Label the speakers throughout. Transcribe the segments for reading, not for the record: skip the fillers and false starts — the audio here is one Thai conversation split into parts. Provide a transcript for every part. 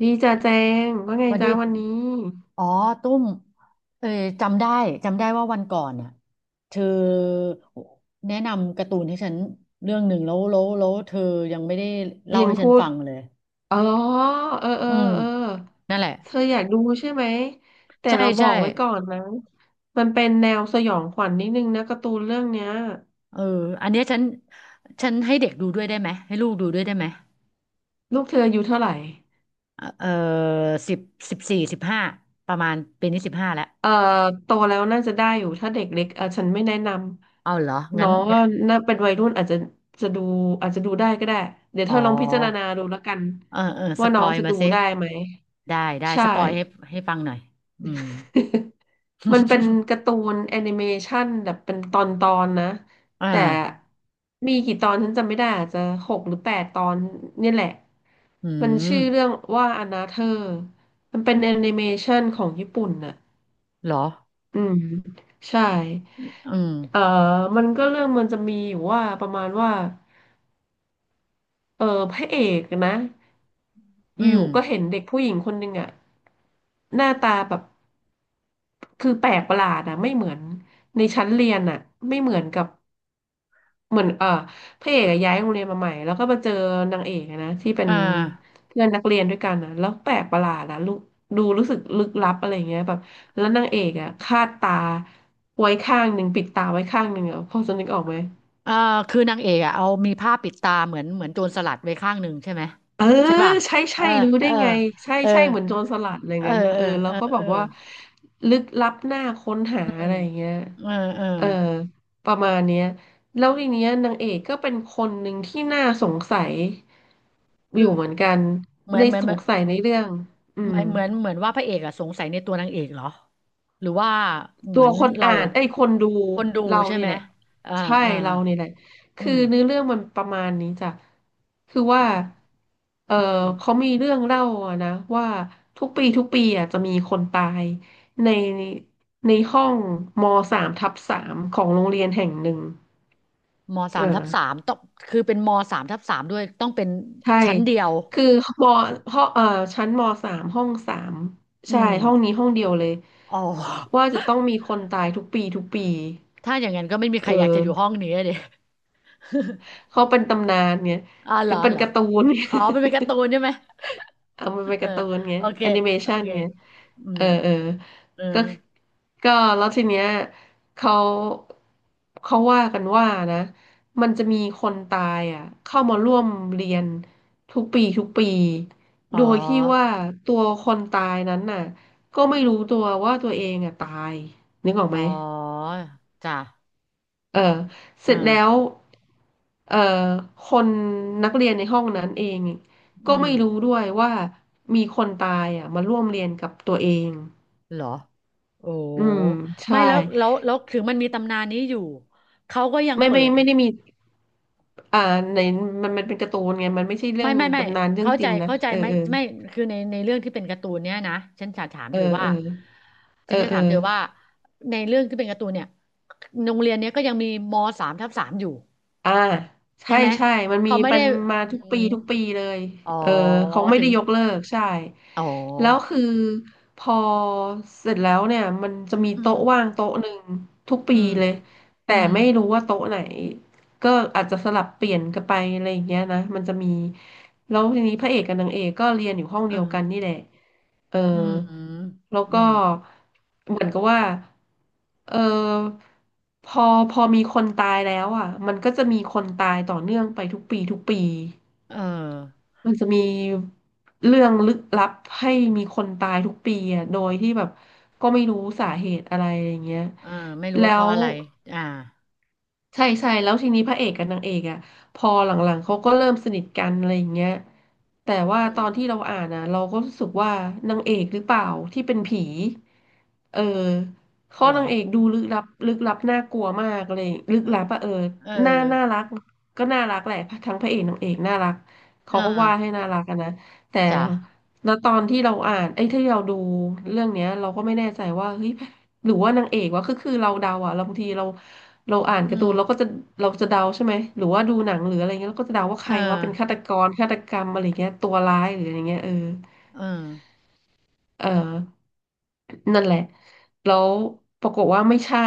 Speaker 1: ดีจ้าแจงว่าไง
Speaker 2: วัน
Speaker 1: จ้า
Speaker 2: ที่
Speaker 1: วันนี้
Speaker 2: อ๋อตุ้มเออจำได้จำได้ว่าวันก่อนน่ะเธอแนะนำการ์ตูนให้ฉันเรื่องหนึ่งแล้วเธอยังไม่ได้
Speaker 1: เรี
Speaker 2: เล่า
Speaker 1: ยง
Speaker 2: ให้ฉั
Speaker 1: พู
Speaker 2: น
Speaker 1: ด
Speaker 2: ฟังเลย
Speaker 1: อ๋อเออเออ
Speaker 2: อืม
Speaker 1: เออ
Speaker 2: นั่นแหละ
Speaker 1: เธออยากดูใช่ไหมแต่
Speaker 2: ใช่
Speaker 1: เราบอ
Speaker 2: ใช่
Speaker 1: กไว้ก่อนนะมันเป็นแนวสยองขวัญนิดนึงนะการ์ตูนเรื่องเนี้ย
Speaker 2: เอออันเนี้ยฉันให้เด็กดูด้วยได้ไหมให้ลูกดูด้วยได้ไหม
Speaker 1: ลูกเธออายุเท่าไหร่
Speaker 2: เออเออสิบสิบสี่สิบห้าประมาณปีนี้สิบห้าแล้ว
Speaker 1: เอ่อโตแล้วน่าจะได้อยู่ถ้าเด็กเล็กเออฉันไม่แนะน
Speaker 2: เอาเหรอ
Speaker 1: ำน้
Speaker 2: งั้
Speaker 1: อ
Speaker 2: น
Speaker 1: งก็
Speaker 2: งั้น
Speaker 1: น่าเป็นวัยรุ่นอาจจะจะดูอาจจะดูได้ก็ได้เดี๋ยว
Speaker 2: อ๋
Speaker 1: เธ
Speaker 2: อ
Speaker 1: อลองพิจารณาดูแล้วกัน
Speaker 2: เออเออส
Speaker 1: ว่า
Speaker 2: ป
Speaker 1: น้อ
Speaker 2: อ
Speaker 1: ง
Speaker 2: ย
Speaker 1: จะ
Speaker 2: มา
Speaker 1: ดู
Speaker 2: สิ
Speaker 1: ได้ไหม
Speaker 2: ได้ได้
Speaker 1: ใช
Speaker 2: สปอยให้
Speaker 1: ่
Speaker 2: ให้ฟังหน่อยอืม
Speaker 1: มันเป็นการ์ ตูนแอนิเมชันแบบเป็นตอนตอนนะ
Speaker 2: อ่า
Speaker 1: แต่มีกี่ตอนฉันจำไม่ได้อาจจะหกหรือแปดตอนเนี่ยแหละ
Speaker 2: อื
Speaker 1: มันชื่
Speaker 2: ม
Speaker 1: อเรื่องว่าอนาเธอร์มันเป็นแอนิเมชันของญี่ปุ่นน่ะ
Speaker 2: เหรอ
Speaker 1: อืมใช่
Speaker 2: อืม
Speaker 1: เอ่อมันก็เรื่องมันจะมีอยู่ว่าประมาณว่า เออพระเอกนะ
Speaker 2: อื
Speaker 1: อ
Speaker 2: ม
Speaker 1: ยู่ๆก็เห็นเด็กผู้หญิงคนหนึ่งอะหน้าตาแบบคือแปลกประหลาดอะไม่เหมือนในชั้นเรียนอะไม่เหมือนกับเหมือนเออพระเอกอะย้ายโรงเรียนมาใหม่แล้วก็มาเจอนางเอกอะนะที่เป็น
Speaker 2: อ่า
Speaker 1: เพื่อนนักเรียนด้วยกันอะแล้วแปลกประหลาดอะลูกดูรู้สึกลึกลับอะไรเงี้ยแบบแล้วนางเอกอะคาดตาไว้ข้างหนึ่งปิดตาไว้ข้างหนึ่งอะพอจะนึกออกไหม
Speaker 2: อ่าคือนางเอกอ่ะเอามีผ้าปิดตาเหมือนโจรสลัดไว้ข้างหนึ่งใช่ไหม
Speaker 1: เออ
Speaker 2: ใช่ป่ะ
Speaker 1: ใช่
Speaker 2: เอ
Speaker 1: ใช่
Speaker 2: อ
Speaker 1: รู้
Speaker 2: เอ
Speaker 1: ได้
Speaker 2: อ
Speaker 1: ไงใช่
Speaker 2: เออ
Speaker 1: ใช่เหมือนโจรสลัดอะไร
Speaker 2: เออ
Speaker 1: งั้นนะ
Speaker 2: เอ
Speaker 1: เอ
Speaker 2: อ
Speaker 1: อแล้
Speaker 2: เอ
Speaker 1: ว
Speaker 2: อ
Speaker 1: ก็แบ
Speaker 2: เอ
Speaker 1: บ
Speaker 2: อ
Speaker 1: ว่าลึกลับหน้าค้นหา
Speaker 2: อืม
Speaker 1: อะไรอย่างเงี้ย
Speaker 2: เออเออ
Speaker 1: เออประมาณเนี้ยแล้วทีเนี้ยนางเอกก็เป็นคนหนึ่งที่น่าสงสัยอ
Speaker 2: คือ
Speaker 1: ยู่เหมือนกัน
Speaker 2: เหมือ
Speaker 1: ใน
Speaker 2: นเหมือน
Speaker 1: ส
Speaker 2: เหม
Speaker 1: งสัยในเรื่องอื
Speaker 2: ื
Speaker 1: ม
Speaker 2: อนเหมือนเหมือนเหมือนว่าพระเอกอ่ะสงสัยในตัวนางเอกเหรอหรือว่าเห
Speaker 1: ตั
Speaker 2: มื
Speaker 1: ว
Speaker 2: อน
Speaker 1: คน
Speaker 2: เรา
Speaker 1: อ่านไอ้ยคนดู
Speaker 2: คนดู
Speaker 1: เรา
Speaker 2: ใช่
Speaker 1: นี่
Speaker 2: ไหม
Speaker 1: แหละ
Speaker 2: อ่า
Speaker 1: ใช่
Speaker 2: อ่า
Speaker 1: เรานี่แหละ
Speaker 2: อื
Speaker 1: คือ
Speaker 2: ม
Speaker 1: เนื้อเรื่องมันประมาณนี้จ้ะคือ
Speaker 2: อ
Speaker 1: ว่าเออ
Speaker 2: ืม
Speaker 1: เขามีเรื่องเล่าอะนะว่าทุกปีทุกปีอ่ะจะมีคนตายในในห้องมสามทับสามของโรงเรียนแห่งหนึ่ง
Speaker 2: มสา
Speaker 1: เอ
Speaker 2: มทั
Speaker 1: อ
Speaker 2: บสามต้องคือเป็นมสามทับสามด้วยต้องเป็น
Speaker 1: ใช่
Speaker 2: ชั้นเดียว
Speaker 1: คือมห้องชั้นมสามห้องสาม
Speaker 2: อื
Speaker 1: ใช่
Speaker 2: ม
Speaker 1: ห้องนี้ห้องเดียวเลย
Speaker 2: อ๋อ
Speaker 1: ว่าจะต้องมีคนตายทุกปีทุกปี
Speaker 2: ถ้าอย่างนั้นก็ไม่มีใค
Speaker 1: เอ
Speaker 2: รอยากจะ
Speaker 1: อ
Speaker 2: อยู่ห้องนี้เลย
Speaker 1: เขาเป็นตำนานไง
Speaker 2: อ๋อเหร
Speaker 1: คือ
Speaker 2: อ
Speaker 1: เป็น
Speaker 2: เหรอ
Speaker 1: การ์ตูนไง
Speaker 2: อ๋อมันเป็นการ์ตูนใช่ไหม
Speaker 1: เอามันเป็ น
Speaker 2: เออ
Speaker 1: การ์ตูนไง
Speaker 2: โอเค
Speaker 1: แอนิเม
Speaker 2: โอ
Speaker 1: ชัน
Speaker 2: เค
Speaker 1: ไง
Speaker 2: อื
Speaker 1: เอ
Speaker 2: ม
Speaker 1: อเออ
Speaker 2: เออ
Speaker 1: ก็ก็แล้วทีเนี้ยเขาเขาว่ากันว่านะ มันจะมีคนตายอ่ะเข้ามาร่วมเรียนทุกปีทุกปี
Speaker 2: อ๋
Speaker 1: โดยที่
Speaker 2: อ
Speaker 1: ว่าตัวคนตายนั้นน่ะก็ไม่รู้ตัวว่าตัวเองอ่ะตายนึกออก
Speaker 2: อ๋
Speaker 1: ไหม
Speaker 2: อจ้ะ
Speaker 1: เออเส
Speaker 2: เออ
Speaker 1: ร็จแล้วเอ่อคนนักเรียนในห้องนั้นเอง
Speaker 2: อื
Speaker 1: ก็
Speaker 2: ม
Speaker 1: ไม่รู้ด้วยว่ามีคนตายอ่ะมาร่วมเรียนกับตัวเอง
Speaker 2: เหรอโอ้
Speaker 1: อืม
Speaker 2: ไม่
Speaker 1: ใช่
Speaker 2: แล้วถึงมันมีตำนานนี้อยู่เขาก็ยัง
Speaker 1: ไม่
Speaker 2: เปิ
Speaker 1: ไม่
Speaker 2: ด
Speaker 1: ไม่ได้มีอ่าในมันมันเป็นการ์ตูนไงมันไม่ใช่เรื่
Speaker 2: ไม่
Speaker 1: อง
Speaker 2: ไม่ไม่
Speaker 1: กำนานเรื่อง
Speaker 2: เข้า
Speaker 1: จ
Speaker 2: ใจ
Speaker 1: ริงนะ
Speaker 2: เข้าใจ
Speaker 1: เออ
Speaker 2: ไหม
Speaker 1: เออ
Speaker 2: ไม่คือในเรื่องที่เป็นการ์ตูนเนี้ยนะฉันจะถาม
Speaker 1: เออ
Speaker 2: เธอว่า
Speaker 1: เออเอ
Speaker 2: ฉั
Speaker 1: อ
Speaker 2: นจะ
Speaker 1: เออ
Speaker 2: ถามเธอว่าในเรื่องที่เป็นการ์ตูนเนี่ยโรงเรียนเนี้ยก็ยังมีมสามทับสามอยู่
Speaker 1: อ่า
Speaker 2: ใช่
Speaker 1: ใช่
Speaker 2: ไหม
Speaker 1: ใช่
Speaker 2: เขาไม่
Speaker 1: มั
Speaker 2: ได้
Speaker 1: นมา
Speaker 2: อื
Speaker 1: ทุกปี
Speaker 2: ม
Speaker 1: ทุกปีเลย
Speaker 2: อ๋อ
Speaker 1: เออเขาไม่
Speaker 2: ถึ
Speaker 1: ได้
Speaker 2: ง
Speaker 1: ยกเลิกใช่
Speaker 2: อ๋อ
Speaker 1: แล้วคือพอเสร็จแล้วเนี่ยมันจะมี
Speaker 2: อื
Speaker 1: โต๊ะว่า
Speaker 2: ม
Speaker 1: งโต๊ะหนึ่งทุกปี
Speaker 2: อืม
Speaker 1: เลยแต่
Speaker 2: อืม
Speaker 1: ไม่รู้ว่าโต๊ะไหนก็อาจจะสลับเปลี่ยนกันไปอะไรอย่างเงี้ยนะมันจะมีแล้วทีนี้พระเอกกับนางเอกก็เรียนอยู่ห้อง
Speaker 2: เออ
Speaker 1: เดียวกันนี่แหละ เออ
Speaker 2: อืม
Speaker 1: แล้ว
Speaker 2: อื
Speaker 1: ก็
Speaker 2: ม
Speaker 1: เหมือนกับว่าเออพอพอมีคนตายแล้วอ่ะมันก็จะมีคนตายต่อเนื่องไปทุกปีทุกปี
Speaker 2: เออ
Speaker 1: มันจะมีเรื่องลึกลับให้มีคนตายทุกปีอ่ะโดยที่แบบก็ไม่รู้สาเหตุอะไรอย่างเงี้ย
Speaker 2: เออไม่รู้
Speaker 1: แล้
Speaker 2: ว่าเพราะ
Speaker 1: ว
Speaker 2: อะไรอ่า
Speaker 1: ใช่ใช่แล้วทีนี้พระเอกกับนางเอกอ่ะพอหลังๆเขาก็เริ่มสนิทกันอะไรอย่างเงี้ยแต่ว่าต
Speaker 2: อื
Speaker 1: อ
Speaker 2: ม
Speaker 1: นที่เราอ่านอ่ะเราก็รู้สึกว่านางเอกหรือเปล่าที่เป็นผีเออข้อ
Speaker 2: เหร
Speaker 1: นา
Speaker 2: อ
Speaker 1: งเอกดูลึกลับลึกลับน่ากลัวมากเลยลึก
Speaker 2: เอ
Speaker 1: ลั
Speaker 2: อ
Speaker 1: บอะเออ
Speaker 2: เอ
Speaker 1: น่า
Speaker 2: อ
Speaker 1: น่ารักก็น่ารักแหละทั้งพระเอกนางเอกน่ารักเขา
Speaker 2: อ่า
Speaker 1: ก็วาดให้น่ารักอะนะแต่
Speaker 2: จ้ะ
Speaker 1: แล้วตอนที่เราอ่านไอ้ยที่เราดูเรื่องเนี้ยเราก็ไม่แน่ใจว่าเฮ้ยหรือว่านางเอกวะคือเราเดาอะเราบางทีเรา เราอ่าน
Speaker 2: อื
Speaker 1: การ์ตู
Speaker 2: ม
Speaker 1: นเราก็จะเราจะเดาใช่ไหมหรือว่าดูหนังหรืออะไรเงี้ยเราก็จะเดาว่าใค
Speaker 2: เออ
Speaker 1: รว่าเป็นฆาตกรฆาตกรรมอะไรเงี้ยตัวร้ายหรืออะไรเงี้ยเออ
Speaker 2: เออ
Speaker 1: เออนั่นแหละแล้วปรากฏว่าไม่ใช่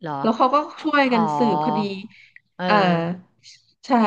Speaker 2: เหรอ
Speaker 1: แล้วเขาก็
Speaker 2: อ๋อ
Speaker 1: ช่วย
Speaker 2: อ๋
Speaker 1: กั
Speaker 2: อ
Speaker 1: นสืบคดี
Speaker 2: เออ
Speaker 1: อ่าใช่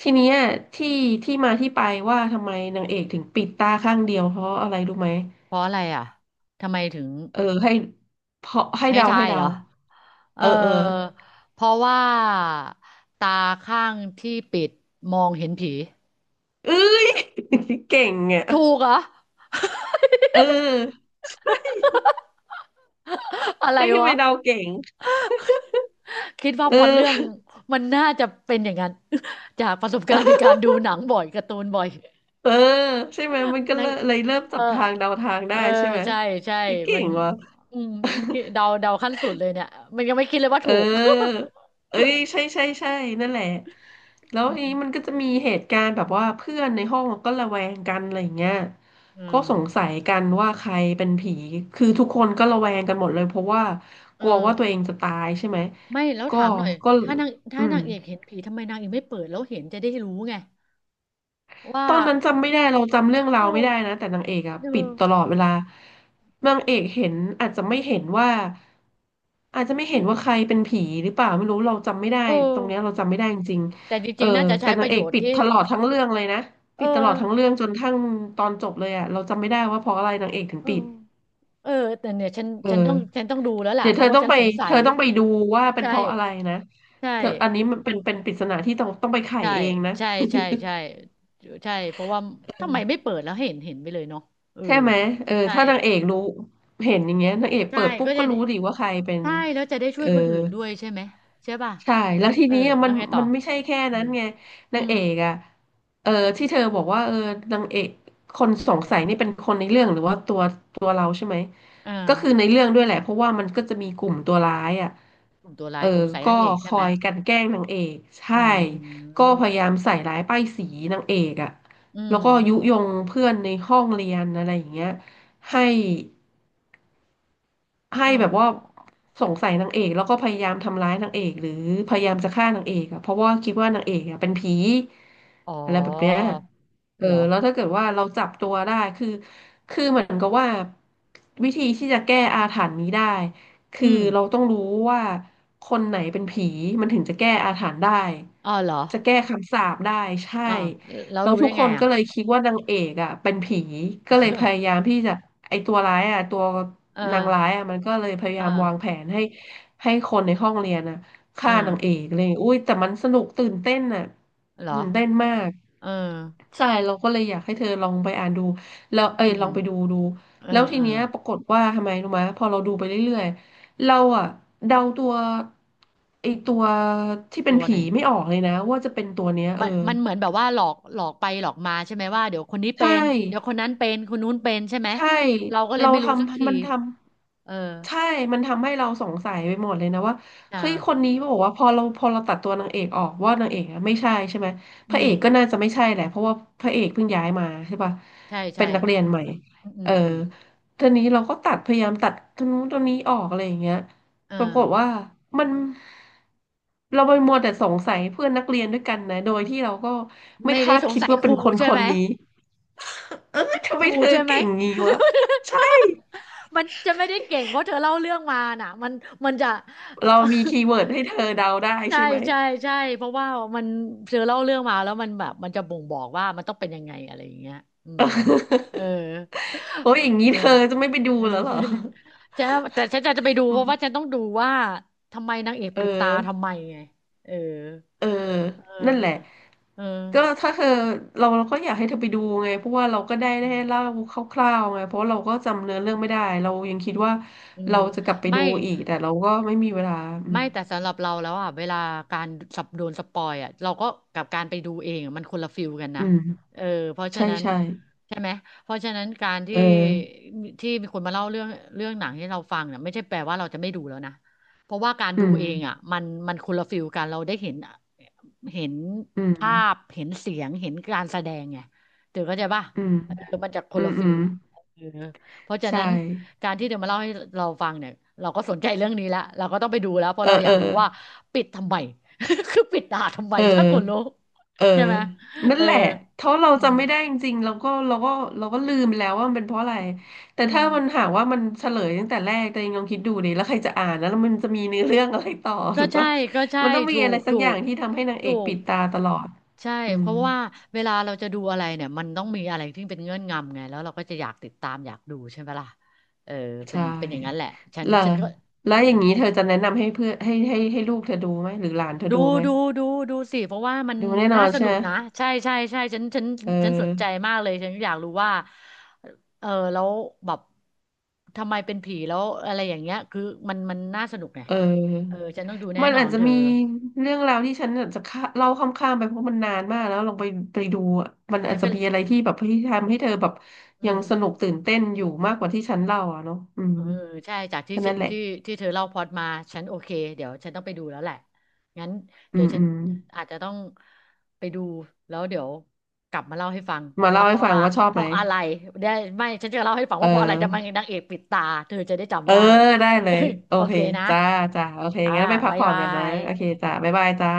Speaker 1: ทีเนี้ยที่ที่มาที่ไปว่าทำไมนางเอกถึงปิดตาข้างเดียวเพราะอะไรรู้ไหม
Speaker 2: เพราะอะไรอ่ะทำไมถึง
Speaker 1: เออให้เพราะให้
Speaker 2: ให้
Speaker 1: เดา
Speaker 2: ทา
Speaker 1: ให้
Speaker 2: ย
Speaker 1: เดา
Speaker 2: เหรอ เออ
Speaker 1: เออ
Speaker 2: เพราะว่าตาข้างที่ปิดมองเห็นผี
Speaker 1: เอ้ย เก่งอ่ะ
Speaker 2: ถูกเหรอ
Speaker 1: เออ
Speaker 2: อะไร
Speaker 1: ให้ไป
Speaker 2: วะ
Speaker 1: เดาเก่ง
Speaker 2: คิดว่า
Speaker 1: เอ
Speaker 2: พล็อตเรื่อง
Speaker 1: อ
Speaker 2: มันน่าจะเป็นอย่างนั้น จากประสบการณ์ในการดูหนังบ่อยการ์ตูนบ่อย
Speaker 1: เออใช่ไหมมันก็
Speaker 2: ใน
Speaker 1: เลยเริ่ม
Speaker 2: เอ
Speaker 1: จับ
Speaker 2: อ
Speaker 1: ทางเดาทาง
Speaker 2: เอ
Speaker 1: ได้
Speaker 2: อ
Speaker 1: ใช่ไหม
Speaker 2: ใช่ใช่
Speaker 1: นี่เก่
Speaker 2: มัน
Speaker 1: งว่ะ
Speaker 2: อืมนี่เดา เดาขั้นสุดเลยเนี่ย มันยังไม่คิดเลยว่า
Speaker 1: เ
Speaker 2: ถูก
Speaker 1: ออเอ้ยใช่ใช่ใช่นั่นแหละ แล้ว
Speaker 2: อื
Speaker 1: ทีนี้มัน
Speaker 2: ม
Speaker 1: ก็จะมีเหตุการณ์แบบว่าเพื่อนในห้องก็ระแวงกันอะไรอย่างเงี้ย
Speaker 2: อื
Speaker 1: ก็
Speaker 2: ม
Speaker 1: สงสัยกันว่าใครเป็นผีคือทุกคนก็ระแวงกันหมดเลยเพราะว่าก
Speaker 2: เออ
Speaker 1: ลัวว่าตัวเองจะตายใช่ไหม
Speaker 2: ไม่แล้ว
Speaker 1: ก็
Speaker 2: ถามหน่อย
Speaker 1: ก็
Speaker 2: ถ้านางถ้า
Speaker 1: อืม
Speaker 2: นางเอกเห็นผี ทำไมนางเอกไม่เปิด แล้วเห็นจะได้รู้ไงว่า
Speaker 1: ตอนนั้นจำไม่ได้เราจำเรื่องราว
Speaker 2: โอ้
Speaker 1: ไม่ได้นะแต่นางเอกอะ
Speaker 2: เอ
Speaker 1: ปิด
Speaker 2: อ
Speaker 1: ตลอดเวลานางเอกเห็นอาจจะไม่เห็นว่าอาจจะไม่เห็นว่าใครเป็นผีหรือเปล่าไม่รู้เราจำไม่ได้
Speaker 2: เอ
Speaker 1: ต
Speaker 2: อ
Speaker 1: รงเนี้ยเราจำไม่ได้จริง
Speaker 2: แต่จ
Speaker 1: ๆเออ
Speaker 2: ริงๆ น่าจะ
Speaker 1: แต่
Speaker 2: ใช้ป
Speaker 1: นาง
Speaker 2: ระ
Speaker 1: เอ
Speaker 2: โย
Speaker 1: ก
Speaker 2: ช
Speaker 1: ปิ
Speaker 2: น์
Speaker 1: ด
Speaker 2: ที่
Speaker 1: ตลอดทั้งเรื่องเลยนะ
Speaker 2: เอ
Speaker 1: ปิ
Speaker 2: อ
Speaker 1: ดตลอดทั้งเรื่องจนทั้งตอนจบเลยอะเราจำไม่ได้ว่าเพราะอะไรนางเอกถึง
Speaker 2: เออ
Speaker 1: ปิด
Speaker 2: เออแต่เนี่ยฉัน
Speaker 1: เอ
Speaker 2: ฉันต้องฉั
Speaker 1: อ
Speaker 2: นต้องดูแล้วล่ะ
Speaker 1: เดี๋ยว
Speaker 2: เพ
Speaker 1: เธอ
Speaker 2: ราะว่า
Speaker 1: ต้อง
Speaker 2: ฉัน
Speaker 1: ไป
Speaker 2: สงสั
Speaker 1: เธ
Speaker 2: ย
Speaker 1: อต้องไปดูว่าเป็น
Speaker 2: ใช่
Speaker 1: เพราะอะไรนะ
Speaker 2: ใช่
Speaker 1: เธออันนี้มันเป็นปริศนาที่ต้องไปไข
Speaker 2: ใช่
Speaker 1: เองนะ
Speaker 2: ใช่ใช่ใช่ใช่เพราะว่า ทำไมไม่เปิด แล้วให้เห็นไปเลยเนาะเออ
Speaker 1: ใช่ไหมเออ
Speaker 2: ใช่
Speaker 1: ถ้านางเอกรู้เห็นอย่างเงี้ยนางเอก
Speaker 2: ใช่
Speaker 1: เปิดปุ๊บ
Speaker 2: ก็
Speaker 1: ก็
Speaker 2: จะได้
Speaker 1: รู้ดิว่าใครเป็น
Speaker 2: ใช่ แล้วจะได้ช่
Speaker 1: เอ
Speaker 2: ว
Speaker 1: อ
Speaker 2: ยคนอื่นด้วยใช่ไหมใช่ป่ะ
Speaker 1: ใช่แล้วที
Speaker 2: เออ
Speaker 1: นี้อะ
Speaker 2: แล้
Speaker 1: มั
Speaker 2: ว
Speaker 1: น
Speaker 2: ไงต่อ
Speaker 1: มันไม่ใช่แค่
Speaker 2: อื
Speaker 1: นั้น
Speaker 2: ม
Speaker 1: ไง
Speaker 2: อื
Speaker 1: นาง
Speaker 2: ม
Speaker 1: เอกอ่ะเออที่เธอบอกว่าเออนางเอกคนสงสัยนี่เป็นคนในเรื่องหรือว่าตัวตัวเราใช่ไหม
Speaker 2: อ่า
Speaker 1: ก็คือในเรื่องด้วยแหละเพราะว่ามันก็จะมีกลุ่มตัวร้ายอ่ะ
Speaker 2: กลุ่มตัว
Speaker 1: เอ
Speaker 2: ร้า
Speaker 1: อ
Speaker 2: ยสงสัย
Speaker 1: ก็
Speaker 2: นางเอก
Speaker 1: ค
Speaker 2: ใช่
Speaker 1: อ
Speaker 2: ไหม
Speaker 1: ยกลั่นแกล้งนางเอกใช่
Speaker 2: อื
Speaker 1: ก็
Speaker 2: ม
Speaker 1: พยายามใส่ร้ายป้ายสีนางเอกอ่ะ
Speaker 2: อื
Speaker 1: แล้ว
Speaker 2: ม
Speaker 1: ก็ยุยงเพื่อนในห้องเรียนอะไรอย่างเงี้ยให้ ให้
Speaker 2: อื
Speaker 1: แบ
Speaker 2: ม
Speaker 1: บว่าสงสัยนางเอกแล้วก็พยายามทำร้ายนางเอกหรือพยายามจะฆ่านางเอกอะเพราะว่าคิดว่านางเอกอะเป็นผี
Speaker 2: อ๋อ
Speaker 1: อะไรแบบเนี้ยเออ
Speaker 2: เหรอ
Speaker 1: แล้วถ้าเกิดว่าเราจับตัวได้คือคือเหมือนกับว่าวิธีที่จะแก้อาถรรพ์นี้ได้
Speaker 2: อื
Speaker 1: คือ
Speaker 2: ม
Speaker 1: เราต้องรู้ว่าคนไหนเป็นผีมันถึงจะแก้อาถรรพ์ได้
Speaker 2: อ๋อเหรอ
Speaker 1: จะแก้คำสาปได้ใช่
Speaker 2: อ่าแล้ว
Speaker 1: แล้ว
Speaker 2: รู้
Speaker 1: ทุ
Speaker 2: ได้
Speaker 1: กค
Speaker 2: ไง
Speaker 1: นก็
Speaker 2: อ่ะ
Speaker 1: เลยคิดว่านางเอกอ่ะเป็นผีก็เลยพยายาม ที่จะไอตัวร้ายอ่ะตัว
Speaker 2: เออ
Speaker 1: นางร้ายอ่ะมันก็เลยพยา
Speaker 2: เออ
Speaker 1: ยามวางแผนให้คนในห้องเรียนอ่ะ
Speaker 2: เออ
Speaker 1: ฆ่านางเอกเลยอุ้ยแต่มันสนุกตื่นเต้นอ่ะ
Speaker 2: เหรอ
Speaker 1: ตื่นเต้นมาก
Speaker 2: เออ
Speaker 1: ใช่เราก็เลยอยากให้เธอลองไปอ่านดูแล้วเอ้
Speaker 2: อื
Speaker 1: ยลอ
Speaker 2: ม
Speaker 1: งไปดูดู
Speaker 2: เออ
Speaker 1: แล้วที
Speaker 2: เออ
Speaker 1: เนี้ยปรากฏว่าทำไมรู้ไหมพอเราดูไปเรื่อยๆเราอ่ะเดาตัวไอตัวที่เป็น
Speaker 2: ตัวไหน
Speaker 1: ผีไม่ออกเลยนะว่าจะเป็นตัวเนี้ยเอ
Speaker 2: มัน
Speaker 1: อ
Speaker 2: มันเหมือนแบบว่าหลอกหลอกไปหลอกมาใช่ไหมว่าเดี๋ยวคนนี้เป็
Speaker 1: ใช่
Speaker 2: นเดี๋ยวคนนั้นเป็นคนนู้นเป็นใช่ไหม
Speaker 1: ใช่
Speaker 2: เราก็เลย
Speaker 1: เรา
Speaker 2: ไม่
Speaker 1: ท
Speaker 2: รู้สักที
Speaker 1: ำมันท
Speaker 2: เออ
Speaker 1: ำใช่มันทำให้เราสงสัยไปหมดเลยนะว่า
Speaker 2: อ่า
Speaker 1: เฮ้ยคนนี้บอกว่าพอเราตัดตัวนางเอกออกว่านางเอกอะไม่ใช่ใช่ไหมพ
Speaker 2: อื
Speaker 1: ระเอ
Speaker 2: ม
Speaker 1: กก็น่าจะไม่ใช่แหละเพราะว่าพระเอกเพิ่งย้ายมาใช่ป่ะ
Speaker 2: ใช่
Speaker 1: เป็
Speaker 2: ใช่
Speaker 1: นนักเรียน
Speaker 2: อื
Speaker 1: ให
Speaker 2: ม
Speaker 1: ม่
Speaker 2: อืมอื
Speaker 1: เอ
Speaker 2: ม
Speaker 1: อ
Speaker 2: อืม
Speaker 1: ทีนี้เราก็ตัดพยายามตัดตรงนู้นตรงนี้ออกอะไรอย่างเงี้ย
Speaker 2: เออ
Speaker 1: ปรากฏว่ามันเราไปมัวแต่สงสัยเพื่อนนักเรียนด้วยกันนะโดยที่เราก็ไม่
Speaker 2: ไม่ได้
Speaker 1: คาด
Speaker 2: สง
Speaker 1: คิด
Speaker 2: สัย
Speaker 1: ว่า
Speaker 2: ค
Speaker 1: เป็
Speaker 2: รู
Speaker 1: นคนค
Speaker 2: ใช่
Speaker 1: น
Speaker 2: ไหม
Speaker 1: นี้ เออทำ
Speaker 2: ค
Speaker 1: ไม
Speaker 2: รู
Speaker 1: เธอ
Speaker 2: ใช่ไหม
Speaker 1: เก่งงี้วะใช่
Speaker 2: มันจะไม่ได้เก่งเพราะเธอเล่าเรื่องมาน่ะมันมันจะ เอ่อ
Speaker 1: เรามีคีย์เวิร์ดให้เธอเดาได้
Speaker 2: ใช่
Speaker 1: ใช่ไหม
Speaker 2: ใช่ใช่เพราะว่ามันเธอเล่าเรื่องมาแล้วมันแบบมันจะบ่งบอกว่ามันต้องเป็นยังไงอะไรอย่างเงี้ยอื
Speaker 1: เ
Speaker 2: ม
Speaker 1: ออ
Speaker 2: เออ
Speaker 1: โอ้ยอย่าง นี้
Speaker 2: เออ
Speaker 1: เธอจะไม่ไปดู
Speaker 2: เออ
Speaker 1: แล้วเหรอ
Speaker 2: ฉันแต่ฉันจะไปดู
Speaker 1: อื
Speaker 2: เพราะว่าฉั
Speaker 1: ม
Speaker 2: นต้องดูว่าทำไมนางเอก
Speaker 1: เออ
Speaker 2: ปิดตาทำไมไงเออ
Speaker 1: เออ
Speaker 2: เออ
Speaker 1: นั่นแหละ
Speaker 2: เออ
Speaker 1: ก็ถ้าเธอเราก็อยากให้เธอไปดูไงเพราะว่าเราก็ได้
Speaker 2: อืม
Speaker 1: เล่าคร่าวๆไงเพราะเราก็จำเนื้อเรื่องไม่ได้เรายังคิดว่า
Speaker 2: อืม
Speaker 1: เราจะกลับไป
Speaker 2: ไม่
Speaker 1: ดูอีกแต่เราก็ไม่มีเวลาอืม
Speaker 2: ไม่แต่สำหรับเราแล้วอ่ะเวลาการสับโดนสปอยอ่ะเราก็กับการไปดูเองอะมันคนละฟิลกันนะ
Speaker 1: อืม
Speaker 2: เออเพราะฉะ
Speaker 1: ใช่
Speaker 2: นั้น
Speaker 1: ใช่
Speaker 2: ใช่ไหมเพราะฉะนั้นการ
Speaker 1: เอ
Speaker 2: ที่
Speaker 1: อ
Speaker 2: ที่มีคนมาเล่าเรื่องเรื่องหนังให้เราฟังเนี่ยไม่ใช่แปลว่าเราจะไม่ดูแล้วนะเพราะว่าการ
Speaker 1: อื
Speaker 2: ดู
Speaker 1: ม
Speaker 2: เองอ่ะมันมันคนละฟิลกันเราได้เห็นเห็น
Speaker 1: อืม
Speaker 2: ภาพเห็นเสียงเห็นการแสดงไงเดี๋ยวเข้าใจป่ะ
Speaker 1: อืม
Speaker 2: เออมันจะค
Speaker 1: อื
Speaker 2: นละ
Speaker 1: มอื
Speaker 2: ฟิล
Speaker 1: ม
Speaker 2: อะเออเพราะฉะ
Speaker 1: ใช่
Speaker 2: นั้น การที่เธอมาเล่าให้เราฟังเนี่ยเราก็สนใจเรื่องนี้แล้วเราก็ต้องไปดูแล้วเพ
Speaker 1: เอ
Speaker 2: ราะ
Speaker 1: อ
Speaker 2: เราอ
Speaker 1: เอ
Speaker 2: ยา
Speaker 1: อ
Speaker 2: กรู้ว่าปิดทำไม คือปิดด่าทำไม
Speaker 1: เอ
Speaker 2: ถ้าคนรู้
Speaker 1: อเออ
Speaker 2: ใช่ไหม
Speaker 1: นั่น
Speaker 2: เออ
Speaker 1: แหละถ้าเรา
Speaker 2: อืม
Speaker 1: จำไม่ได้จริงๆ เราก็ลืมไปแล้วว่ามันเป็นเพราะอะไรแต่
Speaker 2: อืม
Speaker 1: ถ้ามันหากว่ามันเฉลยตั้งแต่แรกตัวเองลองคิดดูดิแล้วใครจะอ่านนะแล้วมันจะมีเนื้อเรื่องอะไรต่อ
Speaker 2: ก็
Speaker 1: ถูก
Speaker 2: ใช่
Speaker 1: ปะ
Speaker 2: ก็ใช่
Speaker 1: มันต้องมี
Speaker 2: ถู
Speaker 1: อะไร
Speaker 2: ก
Speaker 1: สัก
Speaker 2: ถู
Speaker 1: อย่า
Speaker 2: ก
Speaker 1: งที่ทำให้นางเอ
Speaker 2: ถู
Speaker 1: กปิ
Speaker 2: ก
Speaker 1: ดตาตลอด
Speaker 2: ใช่
Speaker 1: อื
Speaker 2: เพ
Speaker 1: ม
Speaker 2: ราะว่าเวลาเราจะดูอะไรเนี่ยมันต้องมีอะไรที่เป็นเงื่อนงำไงแล้วเราก็จะอยากติดตามอยากดูใช่ไหมล่ะเออเป็น
Speaker 1: ใช่
Speaker 2: เป็นอย่างนั้นแหละฉัน
Speaker 1: แล้ว
Speaker 2: ฉันก็
Speaker 1: แล้
Speaker 2: อื
Speaker 1: วอ
Speaker 2: ม
Speaker 1: ย่างนี้เธอจะแนะนำให้เพื่อนให้ลูกเธอดูไหมหรือหลานเธอ
Speaker 2: ดู
Speaker 1: ดูไหม
Speaker 2: ดูดูดูสิเพราะว่ามัน
Speaker 1: ดูแน่นอ
Speaker 2: น่า
Speaker 1: น
Speaker 2: ส
Speaker 1: ใช่
Speaker 2: นุ
Speaker 1: ไหม
Speaker 2: กนะใช่ใช่ใช่ฉัน
Speaker 1: เ
Speaker 2: ฉันสนใจ
Speaker 1: ออ
Speaker 2: มากเลยฉันอยากรู้ว่าเออแล้วแบบทำไมเป็นผีแล้วอะไรอย่างเงี้ยคือมันมันน่าสนุกไง
Speaker 1: เออ
Speaker 2: เออฉันต้องดูแน่
Speaker 1: มัน
Speaker 2: นอ
Speaker 1: อาจ
Speaker 2: น
Speaker 1: จะ
Speaker 2: เธอ
Speaker 1: มีเรื่องราวที่ฉันอาจจะข้าเล่าข้ามๆไปเพราะมันนานมากแล้วลองไปไปดูอะมันอา
Speaker 2: ไม่
Speaker 1: จจะ
Speaker 2: เป็น
Speaker 1: มีอะไรที่แบบที่ทำให้เธอแบบ
Speaker 2: อื
Speaker 1: ยัง
Speaker 2: ม
Speaker 1: สนุกตื่นเต้นอยู่มากกว่าที่ฉันเล่าอ่ะเนาะอืม
Speaker 2: เออใช่จากที่
Speaker 1: แค่นั้นแหละ
Speaker 2: ที่ที่เธอเล่าพล็อตมาฉันโอเคเดี๋ยวฉันต้องไปดูแล้วแหละงั้น
Speaker 1: อื
Speaker 2: เดี๋ย
Speaker 1: ม
Speaker 2: วฉั
Speaker 1: อื
Speaker 2: น
Speaker 1: ม
Speaker 2: อาจจะต้องไปดูแล้วเดี๋ยวกลับมาเล่าให้ฟัง
Speaker 1: มา
Speaker 2: ว่า
Speaker 1: เล่าให้ฟังว่าชอบ
Speaker 2: เพ
Speaker 1: ไหม
Speaker 2: ราะอะไรได้ไม่ฉันจะเล่าให้ฟัง
Speaker 1: เ
Speaker 2: ว่าเพราะอะไรทำไม
Speaker 1: ออ
Speaker 2: นางเอกปิดตาเธอจะได้
Speaker 1: เอ
Speaker 2: จำ
Speaker 1: อ
Speaker 2: ได้
Speaker 1: ได้เลย โอ
Speaker 2: โอ
Speaker 1: เค
Speaker 2: เคนะ
Speaker 1: จ้าจ้าโอเค
Speaker 2: อ่า
Speaker 1: งั้นไปพัก
Speaker 2: บ๊าย
Speaker 1: ผ่อน
Speaker 2: บา
Speaker 1: กันนะ
Speaker 2: ย
Speaker 1: โอเคจ้าบ๊ายบายจ้า